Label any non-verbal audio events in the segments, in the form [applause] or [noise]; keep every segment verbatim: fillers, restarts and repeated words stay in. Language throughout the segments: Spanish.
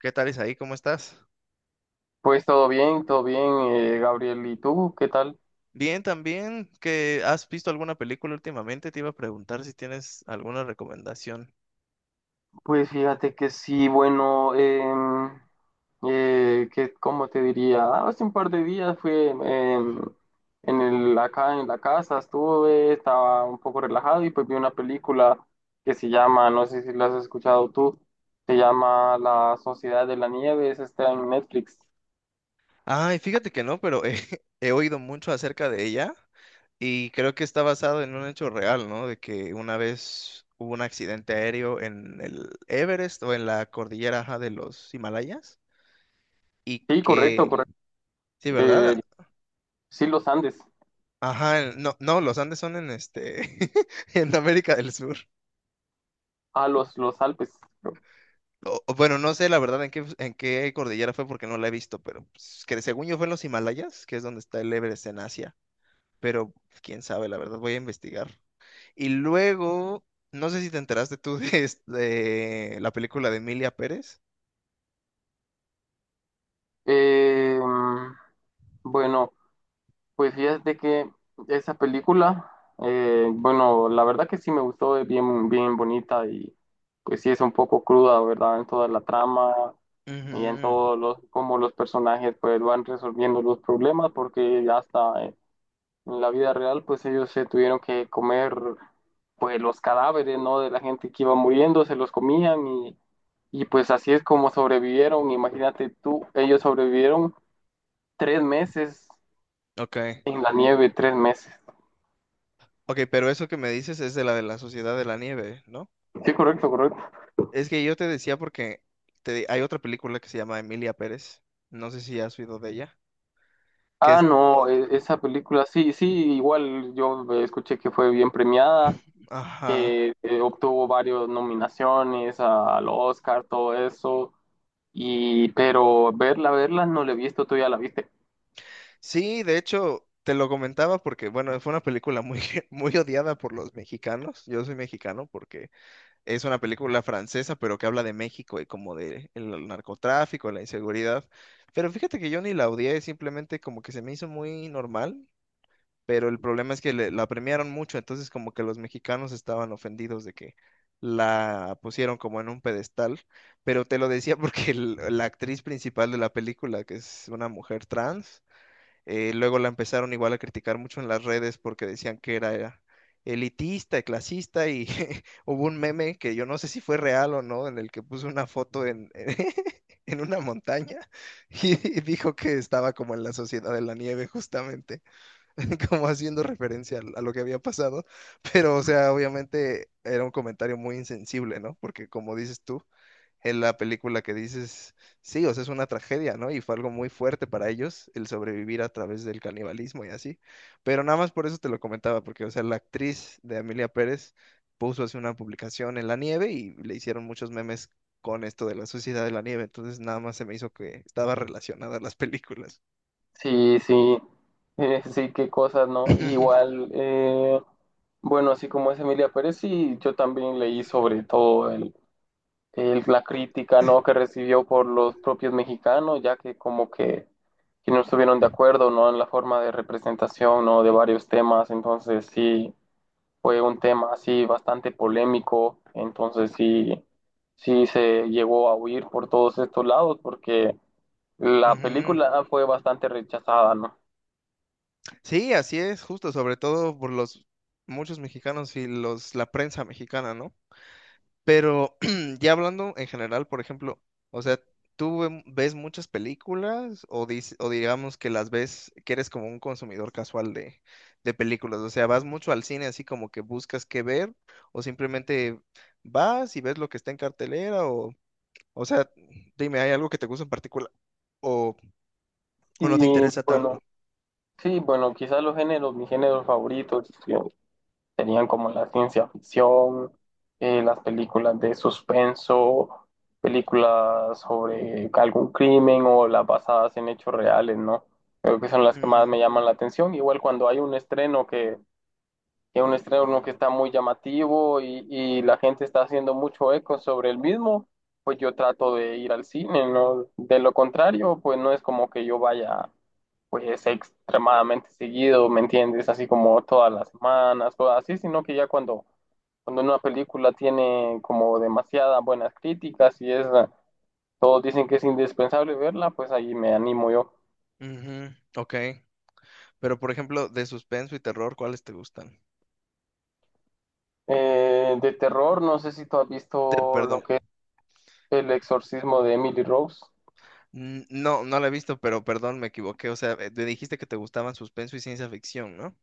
¿Qué tal, Isaí? ¿Cómo estás? Pues todo bien, todo bien, eh, Gabriel. ¿Y tú? ¿Qué tal? Bien, también. ¿Que has visto alguna película últimamente? Te iba a preguntar si tienes alguna recomendación. Pues fíjate que sí, bueno, em, eh, que, ¿cómo te diría? Ah, hace un par de días fui em, en el, acá en la casa, estuve, estaba un poco relajado y pues vi una película que se llama, no sé si la has escuchado tú, se llama La Sociedad de la Nieve, es está en Netflix. Ay, fíjate que no, pero he, [laughs] he oído mucho acerca de ella y creo que está basado en un hecho real, ¿no? De que una vez hubo un accidente aéreo en el Everest o en la cordillera, ajá, de los Himalayas y Sí, correcto, que, correcto. sí, Eh, ¿verdad? sí, los Andes, Ajá, en- no, no, los Andes son en este, [laughs] en América del Sur. a los, los Alpes. O- o bueno, no sé la verdad en qué, en qué cordillera fue porque no la he visto, pero pues, que según yo fue en los Himalayas, que es donde está el Everest en Asia, pero pues, quién sabe, la verdad, voy a investigar. Y luego, no sé si te enteraste tú de, es- de la película de Emilia Pérez. Eh, bueno, pues fíjate que esa película, eh, bueno, la verdad que sí me gustó, es bien, bien bonita y pues sí es un poco cruda, ¿verdad? En toda la trama y en Ujú. todos los, cómo los personajes pues van resolviendo los problemas, porque hasta en la vida real pues ellos se tuvieron que comer pues los cadáveres, ¿no? De la gente que iba muriendo, se los comían y, y pues así es como sobrevivieron. Imagínate tú, ellos sobrevivieron tres meses Ok, en la nieve, tres meses. ok, pero eso que me dices es de la de la Sociedad de la Nieve, ¿no? Sí, correcto, correcto. Es que yo te decía porque te- hay otra película que se llama Emilia Pérez, no sé si has oído de ella, que Ah, es, no, e- esa película, sí, sí, igual yo eh, escuché que fue bien premiada, ajá. que eh, obtuvo varias nominaciones a- al Oscar, todo eso, y pero verla, verla no la he visto, tú ya la viste. Sí, de hecho, te lo comentaba porque, bueno, fue una película muy, [laughs] muy odiada por los mexicanos. Yo soy mexicano porque es una película francesa, pero que habla de México y como de el narcotráfico, la inseguridad. Pero fíjate que yo ni la odié, simplemente como que se me hizo muy normal, pero el problema es que le- la premiaron mucho, entonces como que los mexicanos estaban ofendidos de que la pusieron como en un pedestal. Pero te lo decía [laughs] porque el- la actriz principal de la película, que es una mujer trans, eh, luego la empezaron igual a criticar mucho en las redes porque decían que era, era elitista, clasista y [laughs] hubo un meme que yo no sé si fue real o no, en el que puso una foto en, [laughs] en una montaña y y dijo que estaba como en la Sociedad de la Nieve justamente. [laughs] Como haciendo referencia al- a lo que había pasado, pero o sea, obviamente era un comentario muy insensible, ¿no? Porque como dices tú, en la película que dices, sí, o sea, es una tragedia, ¿no? Y fue algo muy fuerte para ellos el sobrevivir a través del canibalismo y así. Pero nada más por eso te lo comentaba, porque, o sea, la actriz de Amelia Pérez puso así una publicación en la nieve y le hicieron muchos memes con esto de la sociedad de la nieve, entonces nada más se me hizo que estaba relacionada a las películas. Sí, sí, [laughs] eh, sí, qué cosas, ¿no? [laughs] Igual, eh, bueno, así como es Emilia Pérez, sí, yo también leí sobre todo el el- la crítica no que recibió por los propios mexicanos, ya que como que, que no estuvieron de acuerdo, ¿no? En la forma de representación, ¿no? De varios temas. Entonces sí, fue un tema así bastante polémico, entonces sí, sí se llegó a huir por todos estos lados porque la Ujú. película fue bastante rechazada, ¿no? Sí, así es, justo, sobre todo por los muchos mexicanos y los la prensa mexicana, ¿no? Pero [clears throat] ya hablando en general, por ejemplo, o sea, ¿tú ve- ¿ves muchas películas o, dis- o digamos que las ves, que eres como un consumidor casual de, de películas? O sea, ¿vas mucho al cine así como que buscas qué ver o simplemente vas y ves lo que está en cartelera o, o sea, dime, ¿hay algo que te gusta en particular o, o no te Y interesa bueno, tanto? sí, bueno, quizás los géneros, mis géneros favoritos, serían como la ciencia ficción, eh, las películas de suspenso, películas sobre algún crimen o las basadas en hechos reales, ¿no? Creo que son las que más Mm, me llaman la atención. Igual cuando hay un estreno que es un estreno que está muy llamativo y, y la gente está haciendo mucho eco sobre el mismo, pues yo trato de ir al cine, ¿no? De lo contrario, pues no es como que yo vaya pues extremadamente seguido, ¿me entiendes? Así como todas las semanas, cosas así, sino que ya cuando, cuando una película tiene como demasiadas buenas críticas y es, todos dicen que es indispensable verla, pues ahí me animo yo. ujú, ok. Pero, por ejemplo, de suspenso y terror, ¿cuáles te gustan? Eh, de terror, no sé si tú has De- visto lo Perdón, que es El exorcismo de Emily Rose. n- no, no la he visto, pero perdón, me equivoqué. O sea, eh, te dijiste que te gustaban suspenso y ciencia ficción, ¿no?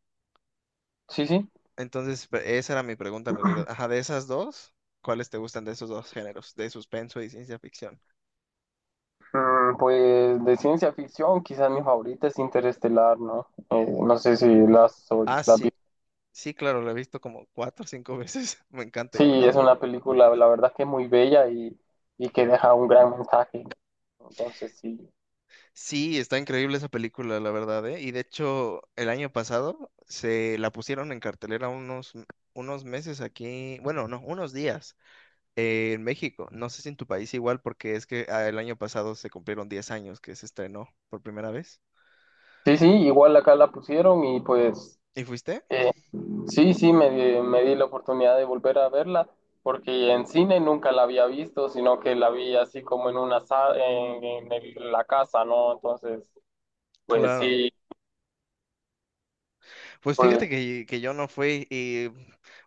Sí, sí. Entonces, pe- esa era mi pregunta en realidad. Ajá, de esas dos, ¿cuáles te gustan de esos dos géneros, de suspenso y ciencia ficción? Mm, pues de ciencia ficción, quizás mi favorita es Interestelar, ¿no? Eh, no sé si las Ah, la, sí, sí, claro, la he visto como cuatro o cinco veces. [laughs] Me encanta igual. sí, es una película, la verdad que es muy bella y, y que deja un gran mensaje, ¿no? Entonces, sí. Sí, está increíble esa película, la verdad, ¿eh? Y de hecho, el año pasado se la pusieron en cartelera unos, unos meses aquí, bueno, no, unos días eh, en México. No sé si en tu país igual, porque es que ah, el año pasado se cumplieron diez años que se estrenó por primera vez. Sí, sí, igual acá la pusieron y pues ¿Y fuiste? sí, sí, me, di- me di la oportunidad de volver a verla porque en cine nunca la había visto, sino que la vi así como en una sa- en, en el- la casa, ¿no? Entonces, pues Claro. sí, Pues pues fíjate que, que yo no fui y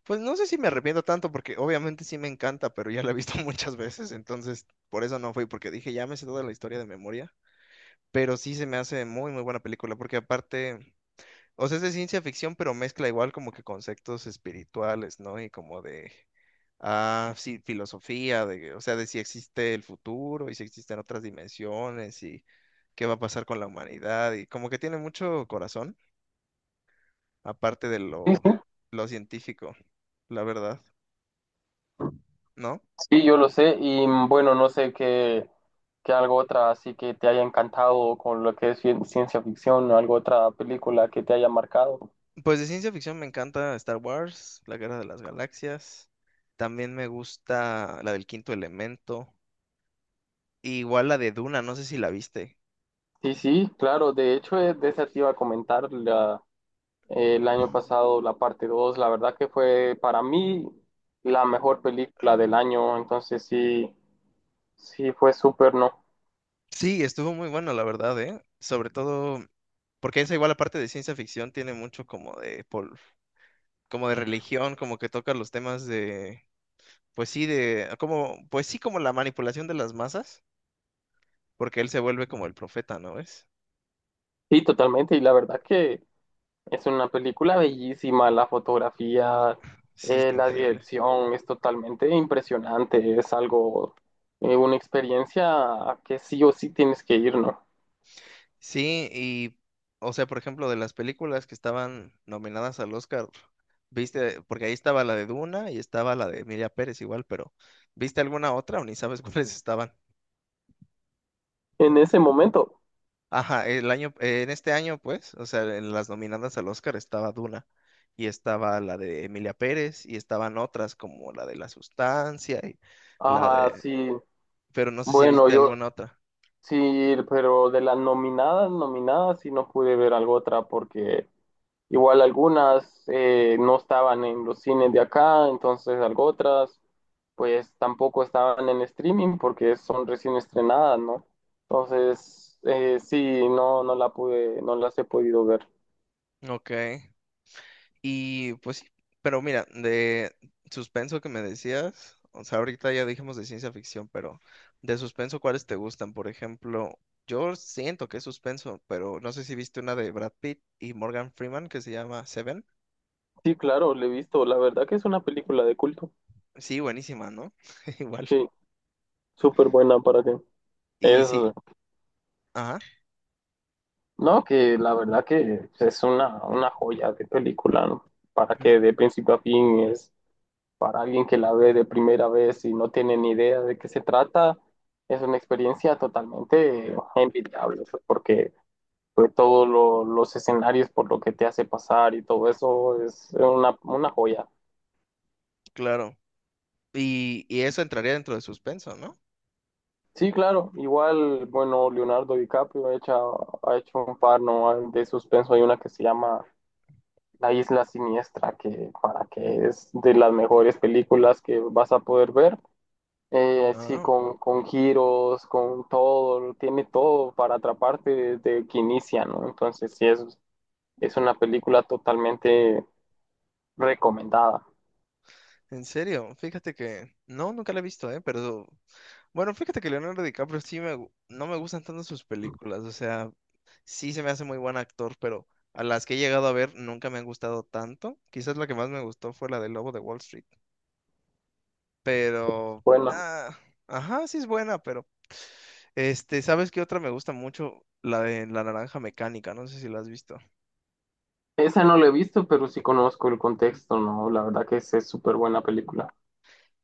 pues no sé si me arrepiento tanto porque obviamente sí me encanta, pero ya la he visto [laughs] muchas veces, entonces por eso no fui porque dije, ya me sé toda la historia de memoria, pero sí se me hace muy muy buena película porque aparte, o sea, es de ciencia ficción, pero mezcla igual como que conceptos espirituales, ¿no? Y como de, ah, sí, filosofía, de, o sea, de si existe el futuro y si existen otras dimensiones y qué va a pasar con la humanidad. Y como que tiene mucho corazón, aparte de lo, lo científico, la verdad, ¿no? sí, yo lo sé. Y mm, bueno, no sé qué, qué algo otra así que te haya encantado con lo que es cien- ciencia ficción o algo otra película que te haya marcado. Pues de ciencia ficción me encanta Star Wars, La Guerra de las Galaxias. También me gusta la del Quinto Elemento. Y igual la de Duna, no sé si la viste. Sí, sí, claro, de hecho eh, de esa te iba a comentar la- eh, el año pasado la parte dos la verdad que fue para mí la mejor película del año, entonces sí, sí fue súper, ¿no? Sí, estuvo muy bueno, la verdad, ¿eh? Sobre todo porque esa igual la parte de ciencia ficción tiene mucho como de pol- como de religión, como que toca los temas de, pues sí, de como, pues sí, como la manipulación de las masas, porque él se vuelve como el profeta, ¿no ves? Sí, totalmente. Y la verdad que es una película bellísima. La fotografía, Sí, eh, está la increíble. dirección es totalmente impresionante. Es algo, eh, una experiencia que sí o sí tienes que ir, ¿no? Sí, y o sea, por ejemplo, de las películas que estaban nominadas al Oscar, ¿viste? Porque ahí estaba la de Duna y estaba la de Emilia Pérez igual, pero ¿viste alguna otra o ni sabes [laughs] cuáles estaban? En ese momento. Ajá, el año, eh, en este año, pues, o sea, en las nominadas al Oscar estaba Duna y estaba la de Emilia Pérez y estaban otras como la de La Sustancia y la Ajá, de, sí. pero no sé si Bueno, viste yo alguna otra. sí, pero de las nominadas, nominadas, sí no pude ver algo otra porque igual algunas eh, no estaban en los cines de acá, entonces algo otras pues tampoco estaban en streaming porque son recién estrenadas, ¿no? Entonces, eh, sí, no, no la pude, no las he podido ver. Ok. Y pues sí, pero mira, de suspenso que me decías, o sea, ahorita ya dijimos de ciencia ficción, pero de suspenso, ¿cuáles te gustan? Por ejemplo, yo siento que es suspenso, pero no sé si viste una de Brad Pitt y Morgan Freeman que se llama Seven. Sí, claro, la he visto, la verdad que es una película de culto, Sí, buenísima, ¿no? [laughs] Igual. sí, súper buena para que Y es, sí, ajá, no, que la verdad que es una, una joya de película, ¿no? Para mm, que de principio a fin es, para alguien que la ve de primera vez y no tiene ni idea de qué se trata, es una experiencia totalmente envidiable, pues, porque pues, todos lo- los escenarios por lo que te hace pasar y todo eso es una, una joya. claro. Y, y eso entraría dentro de suspenso, ¿no? Sí, claro, igual, bueno, Leonardo DiCaprio ha hecho, ha hecho un par, ¿no? De suspenso, hay una que se llama La Isla Siniestra, que para que es de las mejores películas que vas a poder ver. Eh, así Ah, con, con giros, con todo, tiene todo para atraparte desde que inicia, ¿no? Entonces sí, es, es una película totalmente recomendada. en serio, fíjate que... No, nunca la he visto, ¿eh? Pero... Bueno, fíjate que Leonardo DiCaprio sí me... gu- no me gustan tanto sus películas, o sea, sí se me hace muy buen actor, pero a las que he llegado a ver nunca me han gustado tanto. Quizás la que más me gustó fue la de Lobo de Wall Street, pero... Bueno, ah, ajá, sí es buena, pero... Este, ¿sabes qué otra me gusta mucho? La de La Naranja Mecánica, no sé si la has visto. esa no la he visto, pero sí conozco el contexto, ¿no? La verdad que es es súper buena película.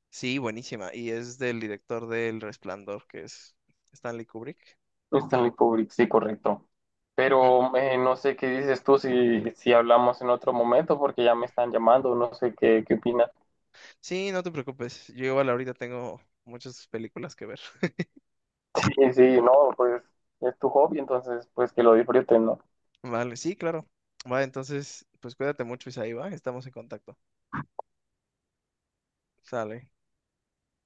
Sí, buenísima. Y es del director del Resplandor, que es Stanley Kubrick. Stanley Kubrick, sí, correcto. Mm. Pero eh, no sé qué dices tú si, si hablamos en otro momento, porque ya me están llamando, no sé qué, qué opinas. Sí, no te preocupes. Yo igual ahorita tengo muchas películas que ver. [laughs] Sí, sí, no, pues es tu hobby, entonces pues que lo disfruten, ¿no? Vale, sí, claro. Vale, entonces, pues cuídate mucho, Isaí, va. Estamos en contacto. Sale.